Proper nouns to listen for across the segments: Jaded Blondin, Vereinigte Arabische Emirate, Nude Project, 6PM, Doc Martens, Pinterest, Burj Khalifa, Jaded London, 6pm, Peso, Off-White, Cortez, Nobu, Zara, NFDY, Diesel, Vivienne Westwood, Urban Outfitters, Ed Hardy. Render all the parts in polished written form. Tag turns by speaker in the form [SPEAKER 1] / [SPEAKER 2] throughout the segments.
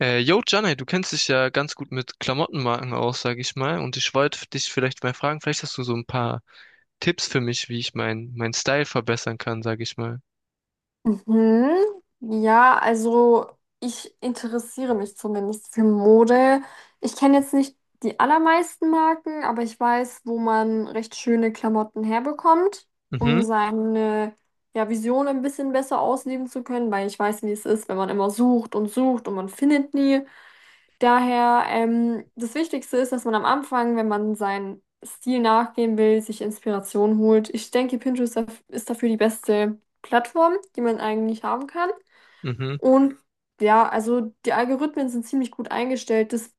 [SPEAKER 1] Yo, Janne, du kennst dich ja ganz gut mit Klamottenmarken aus, sag ich mal. Und ich wollte dich vielleicht mal fragen, vielleicht hast du so ein paar Tipps für mich, wie ich mein Style verbessern kann, sag ich mal.
[SPEAKER 2] Mhm. Ja, also ich interessiere mich zumindest für Mode. Ich kenne jetzt nicht die allermeisten Marken, aber ich weiß, wo man recht schöne Klamotten herbekommt, um
[SPEAKER 1] Mhm,
[SPEAKER 2] seine ja, Vision ein bisschen besser ausleben zu können, weil ich weiß, wie es ist, wenn man immer sucht und sucht und man findet nie. Daher, das Wichtigste ist, dass man am Anfang, wenn man seinen Stil nachgehen will, sich Inspiration holt. Ich denke, ist dafür die beste Plattform, die man eigentlich haben kann.
[SPEAKER 1] mhm,
[SPEAKER 2] Und ja, also die Algorithmen sind ziemlich gut eingestellt. Das,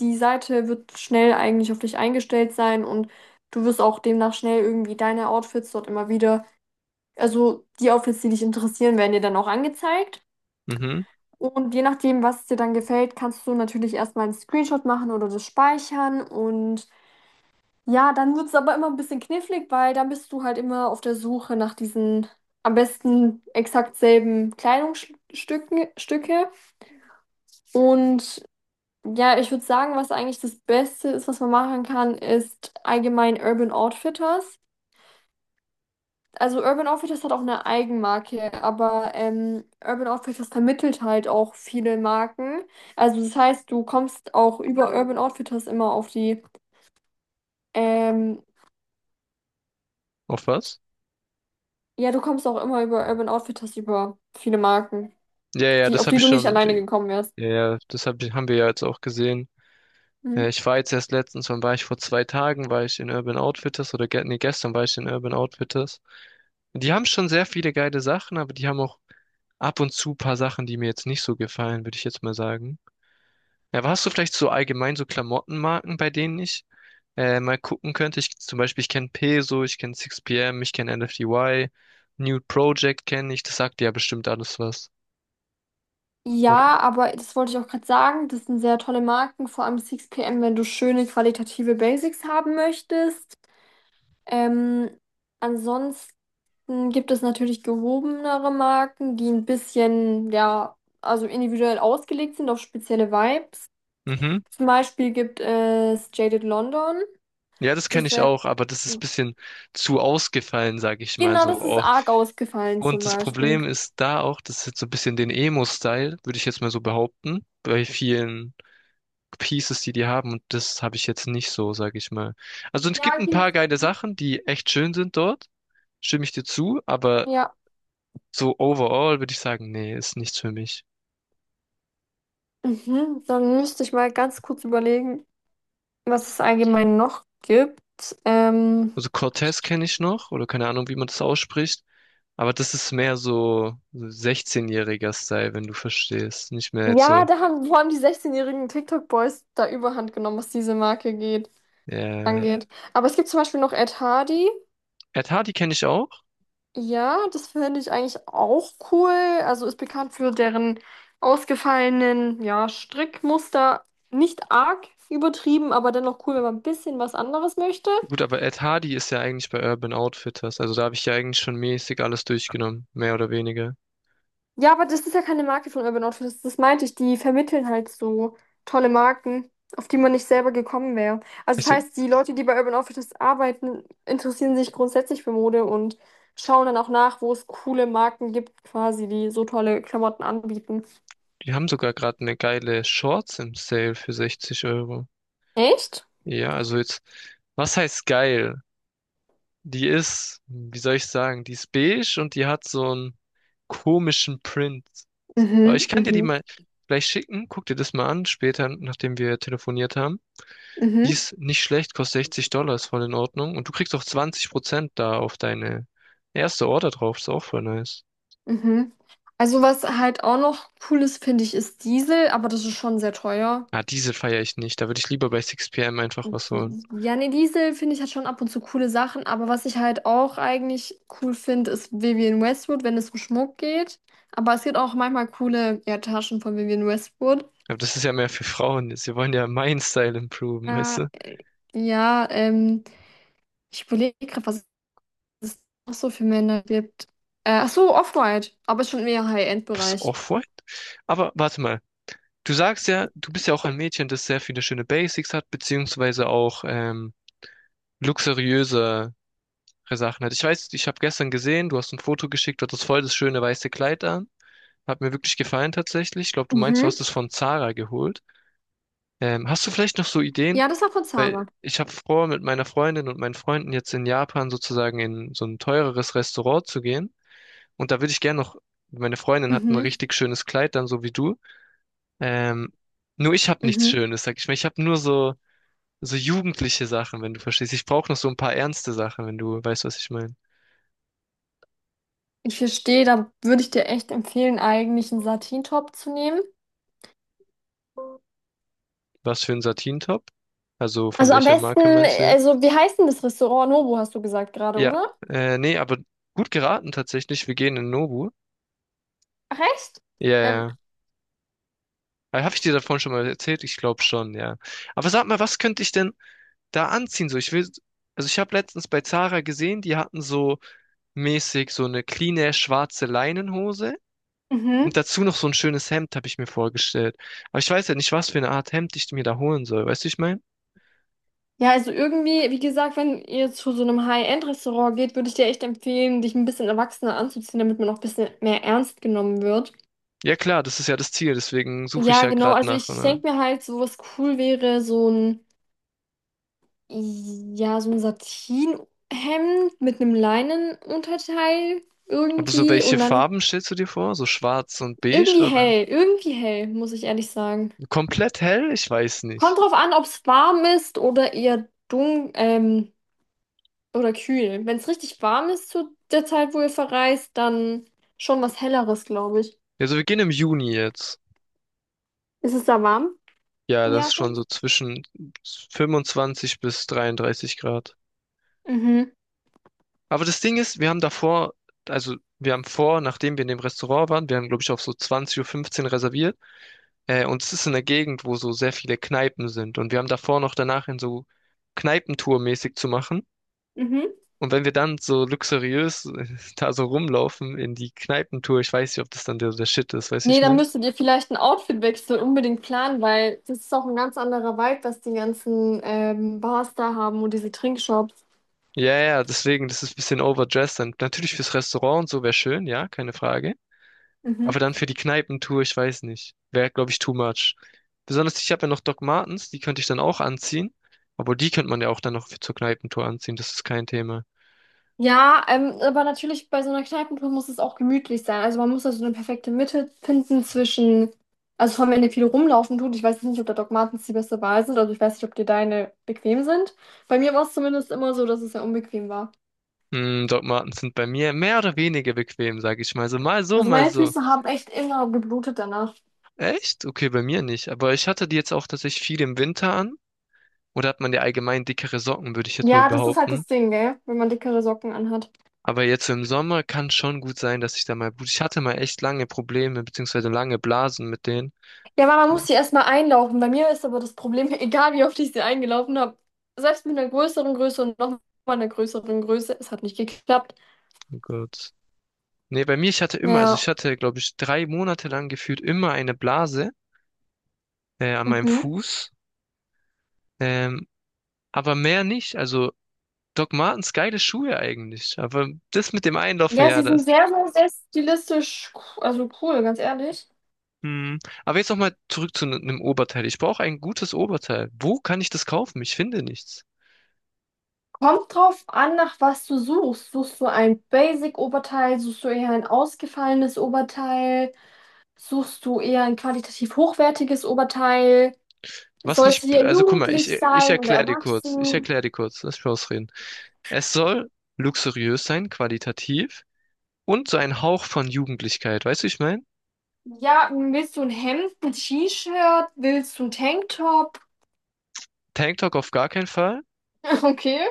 [SPEAKER 2] die Seite wird schnell eigentlich auf dich eingestellt sein, und du wirst auch demnach schnell irgendwie deine Outfits dort immer wieder, also die Outfits, die dich interessieren, werden dir dann auch angezeigt.
[SPEAKER 1] mhm.
[SPEAKER 2] Und je nachdem, was dir dann gefällt, kannst du natürlich erstmal einen Screenshot machen oder das speichern. Und ja, dann wird es aber immer ein bisschen knifflig, weil dann bist du halt immer auf der Suche nach diesen am besten exakt selben Kleidungsstücken Stücke. Und ja, ich würde sagen, was eigentlich das Beste ist, was man machen kann, ist allgemein Urban Outfitters. Also Urban Outfitters hat auch eine Eigenmarke, aber Urban Outfitters vermittelt halt auch viele Marken. Also das heißt, du kommst auch über Urban Outfitters immer auf die, ähm,
[SPEAKER 1] Auf was?
[SPEAKER 2] ja, du kommst auch immer über Urban Outfitters über viele Marken,
[SPEAKER 1] Ja, ja,
[SPEAKER 2] die,
[SPEAKER 1] das
[SPEAKER 2] auf
[SPEAKER 1] habe
[SPEAKER 2] die
[SPEAKER 1] ich
[SPEAKER 2] du nicht
[SPEAKER 1] schon.
[SPEAKER 2] alleine gekommen wärst.
[SPEAKER 1] Ja, ja, das haben wir ja jetzt auch gesehen. Äh,
[SPEAKER 2] Mhm.
[SPEAKER 1] ich war jetzt erst letztens, wann war ich? Vor 2 Tagen war ich in Urban Outfitters oder ge nee, gestern war ich in Urban Outfitters. Die haben schon sehr viele geile Sachen, aber die haben auch ab und zu paar Sachen, die mir jetzt nicht so gefallen, würde ich jetzt mal sagen. Ja, aber hast du vielleicht so allgemein so Klamottenmarken, bei denen ich mal gucken könnte? Ich, zum Beispiel, ich kenne Peso, ich kenne 6PM, ich kenne NFDY, Nude Project kenne ich, das sagt dir ja bestimmt alles was. Oder?
[SPEAKER 2] Ja, aber das wollte ich auch gerade sagen, das sind sehr tolle Marken, vor allem 6PM, wenn du schöne qualitative Basics haben möchtest. Ähm, ansonsten dann gibt es natürlich gehobenere Marken, die ein bisschen, ja, also individuell ausgelegt sind auf spezielle Vibes.
[SPEAKER 1] Mhm.
[SPEAKER 2] Zum Beispiel gibt es Jaded London.
[SPEAKER 1] Ja, das kenne
[SPEAKER 2] Das
[SPEAKER 1] ich
[SPEAKER 2] wäre,
[SPEAKER 1] auch, aber das ist ein bisschen zu ausgefallen, sage ich mal
[SPEAKER 2] genau,
[SPEAKER 1] so
[SPEAKER 2] das ist
[SPEAKER 1] oft.
[SPEAKER 2] arg ausgefallen zum
[SPEAKER 1] Und das
[SPEAKER 2] Beispiel.
[SPEAKER 1] Problem ist da auch, das ist jetzt so ein bisschen den Emo-Style, würde ich jetzt mal so behaupten, bei vielen Pieces, die die haben. Und das habe ich jetzt nicht so, sage ich mal. Also es gibt
[SPEAKER 2] Ja,
[SPEAKER 1] ein
[SPEAKER 2] gen-
[SPEAKER 1] paar geile Sachen, die echt schön sind dort. Stimme ich dir zu, aber
[SPEAKER 2] ja.
[SPEAKER 1] so overall würde ich sagen, nee, ist nichts für mich.
[SPEAKER 2] Mhm. Dann müsste ich mal ganz kurz überlegen, was es allgemein noch gibt. Ähm,
[SPEAKER 1] Also Cortez kenne ich noch, oder keine Ahnung, wie man das ausspricht, aber das ist mehr so 16-jähriger Style, wenn du verstehst. Nicht mehr jetzt
[SPEAKER 2] ja,
[SPEAKER 1] so.
[SPEAKER 2] da haben, wo haben die 16-jährigen TikTok-Boys da Überhand genommen, was diese Marke geht,
[SPEAKER 1] Äh,
[SPEAKER 2] angeht. Aber es gibt zum Beispiel noch Ed Hardy.
[SPEAKER 1] Ed Hardy kenne ich auch.
[SPEAKER 2] Ja, das finde ich eigentlich auch cool. Also ist bekannt für deren ausgefallenen, ja, Strickmuster. Nicht arg übertrieben, aber dennoch cool, wenn man ein bisschen was anderes möchte.
[SPEAKER 1] Gut, aber Ed Hardy ist ja eigentlich bei Urban Outfitters, also da habe ich ja eigentlich schon mäßig alles durchgenommen, mehr oder weniger.
[SPEAKER 2] Ja, aber das ist ja keine Marke von Urban Outfitters. Das meinte ich. Die vermitteln halt so tolle Marken, auf die man nicht selber gekommen wäre. Also
[SPEAKER 1] Ich
[SPEAKER 2] das
[SPEAKER 1] seh,
[SPEAKER 2] heißt, die Leute, die bei Urban Outfitters arbeiten, interessieren sich grundsätzlich für Mode und schauen dann auch nach, wo es coole Marken gibt, quasi, die so tolle Klamotten anbieten.
[SPEAKER 1] die haben sogar gerade eine geile Shorts im Sale für 60 Euro.
[SPEAKER 2] Echt?
[SPEAKER 1] Ja, also jetzt, was heißt geil? Die ist, wie soll ich sagen, die ist beige und die hat so einen komischen Print. Aber
[SPEAKER 2] Mhm,
[SPEAKER 1] ich kann dir die
[SPEAKER 2] mhm.
[SPEAKER 1] mal gleich schicken. Guck dir das mal an, später, nachdem wir telefoniert haben. Die
[SPEAKER 2] Mhm,
[SPEAKER 1] ist nicht schlecht, kostet 60 Dollar, ist voll in Ordnung. Und du kriegst auch 20% da auf deine erste Order drauf, ist auch voll nice.
[SPEAKER 2] mhm. Also was halt auch noch cool ist, finde ich, ist Diesel, aber das ist schon sehr teuer.
[SPEAKER 1] Ah, diese feiere ich nicht. Da würde ich lieber bei 6PM einfach was holen.
[SPEAKER 2] Ja, nee, Diesel finde ich hat schon ab und zu coole Sachen, aber was ich halt auch eigentlich cool finde, ist Vivienne Westwood, wenn es um Schmuck geht. Aber es gibt auch manchmal coole, ja, Taschen von Vivienne Westwood.
[SPEAKER 1] Aber das ist ja mehr für Frauen. Sie wollen ja meinen Style improven, weißt
[SPEAKER 2] Äh,
[SPEAKER 1] du?
[SPEAKER 2] ja, ich überlege gerade, was es noch so für Männer gibt. Ach so, Off-White, aber schon mehr
[SPEAKER 1] Was
[SPEAKER 2] High-End-Bereich.
[SPEAKER 1] Off-White? Aber warte mal. Du sagst ja, du bist ja auch ein Mädchen, das sehr viele schöne Basics hat, beziehungsweise auch luxuriöse Sachen hat. Ich weiß, ich habe gestern gesehen, du hast ein Foto geschickt, du hattest voll das schöne weiße Kleid an. Hat mir wirklich gefallen tatsächlich. Ich glaube, du meinst, du
[SPEAKER 2] Mhm.
[SPEAKER 1] hast es von Zara geholt. Hast du vielleicht noch so Ideen?
[SPEAKER 2] Ja, das war von
[SPEAKER 1] Weil
[SPEAKER 2] Zara.
[SPEAKER 1] ich habe vor, mit meiner Freundin und meinen Freunden jetzt in Japan sozusagen in so ein teureres Restaurant zu gehen. Und da würde ich gerne noch, meine Freundin hat ein
[SPEAKER 2] Mhm,
[SPEAKER 1] richtig schönes Kleid dann, so wie du. Ähm, nur ich habe nichts
[SPEAKER 2] mhm.
[SPEAKER 1] Schönes, sag ich mal. Ich habe nur so so jugendliche Sachen, wenn du verstehst. Ich brauche noch so ein paar ernste Sachen, wenn du weißt, was ich meine.
[SPEAKER 2] Ich verstehe, da würde ich dir echt empfehlen, eigentlich einen Satin-Top zu nehmen.
[SPEAKER 1] Was für ein Satin-Top? Also von
[SPEAKER 2] Also am
[SPEAKER 1] welcher
[SPEAKER 2] besten,
[SPEAKER 1] Marke meinst du jetzt?
[SPEAKER 2] also wie heißt denn das Restaurant? Nobu hast du gesagt gerade,
[SPEAKER 1] Ja,
[SPEAKER 2] oder?
[SPEAKER 1] nee, aber gut geraten tatsächlich. Wir gehen in Nobu.
[SPEAKER 2] Ach, echt?
[SPEAKER 1] Ja,
[SPEAKER 2] Ähm,
[SPEAKER 1] ja. Habe ich dir davon schon mal erzählt? Ich glaube schon, ja. Aber sag mal, was könnte ich denn da anziehen? So, ich will, also ich habe letztens bei Zara gesehen, die hatten so mäßig so eine cleane schwarze Leinenhose und
[SPEAKER 2] mhm.
[SPEAKER 1] dazu noch so ein schönes Hemd, habe ich mir vorgestellt. Aber ich weiß ja nicht, was für eine Art Hemd ich mir da holen soll. Weißt du, ich meine?
[SPEAKER 2] Ja, also irgendwie, wie gesagt, wenn ihr zu so einem High-End-Restaurant geht, würde ich dir echt empfehlen, dich ein bisschen erwachsener anzuziehen, damit man auch ein bisschen mehr ernst genommen wird.
[SPEAKER 1] Ja klar, das ist ja das Ziel, deswegen suche ich
[SPEAKER 2] Ja,
[SPEAKER 1] ja
[SPEAKER 2] genau,
[SPEAKER 1] gerade
[SPEAKER 2] also
[SPEAKER 1] nach.
[SPEAKER 2] ich
[SPEAKER 1] Oder?
[SPEAKER 2] denke mir halt, so was cool wäre, so ein, ja, so ein Satinhemd mit einem Leinenunterteil
[SPEAKER 1] Und so
[SPEAKER 2] irgendwie
[SPEAKER 1] welche
[SPEAKER 2] und dann
[SPEAKER 1] Farben stellst du dir vor? So schwarz und beige
[SPEAKER 2] irgendwie
[SPEAKER 1] oder
[SPEAKER 2] hell, irgendwie hell, muss ich ehrlich sagen.
[SPEAKER 1] komplett hell? Ich weiß nicht.
[SPEAKER 2] Kommt drauf an, ob es warm ist oder eher dunkel, oder kühl. Wenn es richtig warm ist zu der Zeit, wo ihr verreist, dann schon was Helleres, glaube ich.
[SPEAKER 1] Also wir gehen im Juni jetzt.
[SPEAKER 2] Ist es da warm
[SPEAKER 1] Ja,
[SPEAKER 2] in
[SPEAKER 1] das ist
[SPEAKER 2] Japan?
[SPEAKER 1] schon so zwischen 25 bis 33 Grad.
[SPEAKER 2] Mhm.
[SPEAKER 1] Aber das Ding ist, wir haben davor, also wir haben vor, nachdem wir in dem Restaurant waren, wir haben glaube ich auf so 20:15 Uhr fünfzehn reserviert. Und es ist in der Gegend, wo so sehr viele Kneipen sind. Und wir haben davor noch danach in so Kneipentour mäßig zu machen.
[SPEAKER 2] Mhm.
[SPEAKER 1] Und wenn wir dann so luxuriös da so rumlaufen in die Kneipentour, ich weiß nicht, ob das dann der Shit ist, weißt du,
[SPEAKER 2] Nee,
[SPEAKER 1] ich
[SPEAKER 2] dann
[SPEAKER 1] meine?
[SPEAKER 2] müsstet ihr vielleicht einen Outfitwechsel unbedingt planen, weil das ist auch ein ganz anderer Vibe, was die ganzen Bars da haben und diese Trinkshops.
[SPEAKER 1] Ja, ja, deswegen, das ist ein bisschen overdressed. Dann natürlich fürs Restaurant und so wäre schön, ja, keine Frage.
[SPEAKER 2] Mhm.
[SPEAKER 1] Aber dann für die Kneipentour, ich weiß nicht. Wäre, glaube ich, too much. Besonders, ich habe ja noch Doc Martens, die könnte ich dann auch anziehen. Obwohl, die könnte man ja auch dann noch für zur Kneipentour anziehen, das ist kein Thema.
[SPEAKER 2] Ja, aber natürlich bei so einer Kneipentour muss es auch gemütlich sein. Also man muss da so eine perfekte Mitte finden zwischen, also vor allem, wenn ihr viel rumlaufen tut. Ich weiß jetzt nicht, ob da Doc Martens die beste Wahl sind. Also ich weiß nicht, ob dir deine bequem sind. Bei mir war es zumindest immer so, dass es sehr unbequem war.
[SPEAKER 1] Doc Martens sind bei mir mehr oder weniger bequem, sage ich mal. So mal so,
[SPEAKER 2] Also
[SPEAKER 1] mal
[SPEAKER 2] meine
[SPEAKER 1] so.
[SPEAKER 2] Füße haben echt immer geblutet danach.
[SPEAKER 1] Echt? Okay, bei mir nicht. Aber ich hatte die jetzt auch tatsächlich viel im Winter an. Oder hat man ja allgemein dickere Socken, würde ich jetzt mal
[SPEAKER 2] Ja, das ist halt
[SPEAKER 1] behaupten.
[SPEAKER 2] das Ding, gell? Wenn man dickere Socken anhat.
[SPEAKER 1] Aber jetzt so im Sommer kann schon gut sein, dass ich da mal Blut. Ich hatte mal echt lange Probleme, beziehungsweise lange Blasen mit denen.
[SPEAKER 2] Ja, aber man
[SPEAKER 1] Ja,
[SPEAKER 2] muss sie erstmal einlaufen. Bei mir ist aber das Problem, egal wie oft ich sie eingelaufen habe, selbst mit einer größeren Größe und nochmal einer größeren Größe, es hat nicht geklappt.
[SPEAKER 1] oh Gott. Nee, bei mir, ich hatte immer, also ich
[SPEAKER 2] Ja.
[SPEAKER 1] hatte, glaube ich, 3 Monate lang gefühlt immer eine Blase an meinem
[SPEAKER 2] Mhm.
[SPEAKER 1] Fuß. Ähm, aber mehr nicht. Also Doc Martens, geile Schuhe eigentlich. Aber das mit dem Einlaufen,
[SPEAKER 2] Ja,
[SPEAKER 1] ja,
[SPEAKER 2] sie sind
[SPEAKER 1] das.
[SPEAKER 2] sehr, sehr, sehr stilistisch, also cool, ganz ehrlich.
[SPEAKER 1] Hm. Aber jetzt nochmal zurück zu einem Oberteil. Ich brauche ein gutes Oberteil. Wo kann ich das kaufen? Ich finde nichts.
[SPEAKER 2] Kommt drauf an, nach was du suchst. Suchst du ein Basic-Oberteil, suchst du eher ein ausgefallenes Oberteil, suchst du eher ein qualitativ hochwertiges Oberteil?
[SPEAKER 1] Was
[SPEAKER 2] Soll es
[SPEAKER 1] nicht,
[SPEAKER 2] hier
[SPEAKER 1] also guck mal, ich,
[SPEAKER 2] jugendlich
[SPEAKER 1] ich
[SPEAKER 2] sein oder
[SPEAKER 1] erkläre dir kurz, ich
[SPEAKER 2] erwachsen?
[SPEAKER 1] erkläre dir kurz, lass mich ausreden. Es soll luxuriös sein, qualitativ und so ein Hauch von Jugendlichkeit, weißt du, wie ich meine?
[SPEAKER 2] Ja, willst du ein Hemd, ein T-Shirt? Willst du ein Tanktop?
[SPEAKER 1] Tanktop auf gar keinen Fall,
[SPEAKER 2] Okay.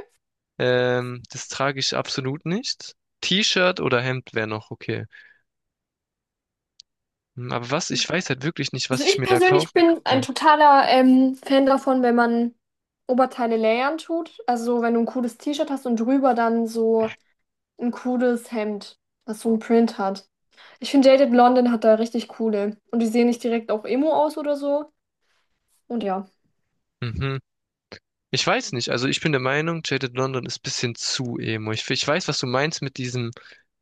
[SPEAKER 1] das trage ich absolut nicht. T-Shirt oder Hemd wäre noch okay. Hm, aber was, ich weiß halt wirklich nicht,
[SPEAKER 2] Also
[SPEAKER 1] was ich
[SPEAKER 2] ich
[SPEAKER 1] mir da
[SPEAKER 2] persönlich
[SPEAKER 1] kaufen
[SPEAKER 2] bin ein
[SPEAKER 1] könnte.
[SPEAKER 2] totaler Fan davon, wenn man Oberteile layern tut. Also wenn du ein cooles T-Shirt hast und drüber dann so ein cooles Hemd, das so einen Print hat. Ich finde Jaded Blondin hat da richtig coole. Und die sehen nicht direkt auch Emo aus oder so. Und ja.
[SPEAKER 1] Mhm. Ich weiß nicht, also ich bin der Meinung, Jaded London ist bisschen zu emo. Ich weiß, was du meinst mit diesem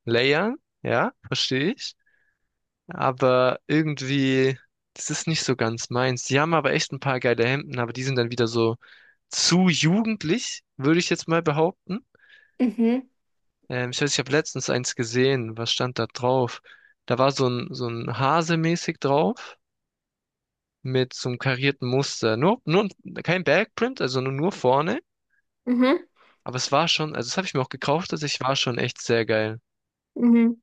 [SPEAKER 1] Layer, ja, verstehe ich. Aber irgendwie, das ist nicht so ganz meins. Die haben aber echt ein paar geile Hemden, aber die sind dann wieder so zu jugendlich, würde ich jetzt mal behaupten.
[SPEAKER 2] Mhm.
[SPEAKER 1] Ich weiß, ich habe letztens eins gesehen. Was stand da drauf? Da war so ein Hase mäßig drauf mit so einem karierten Muster. Nur kein Backprint, also nur vorne.
[SPEAKER 2] Mhm.
[SPEAKER 1] Aber es war schon, also das habe ich mir auch gekauft, also ich war schon echt sehr geil.
[SPEAKER 2] Mhm.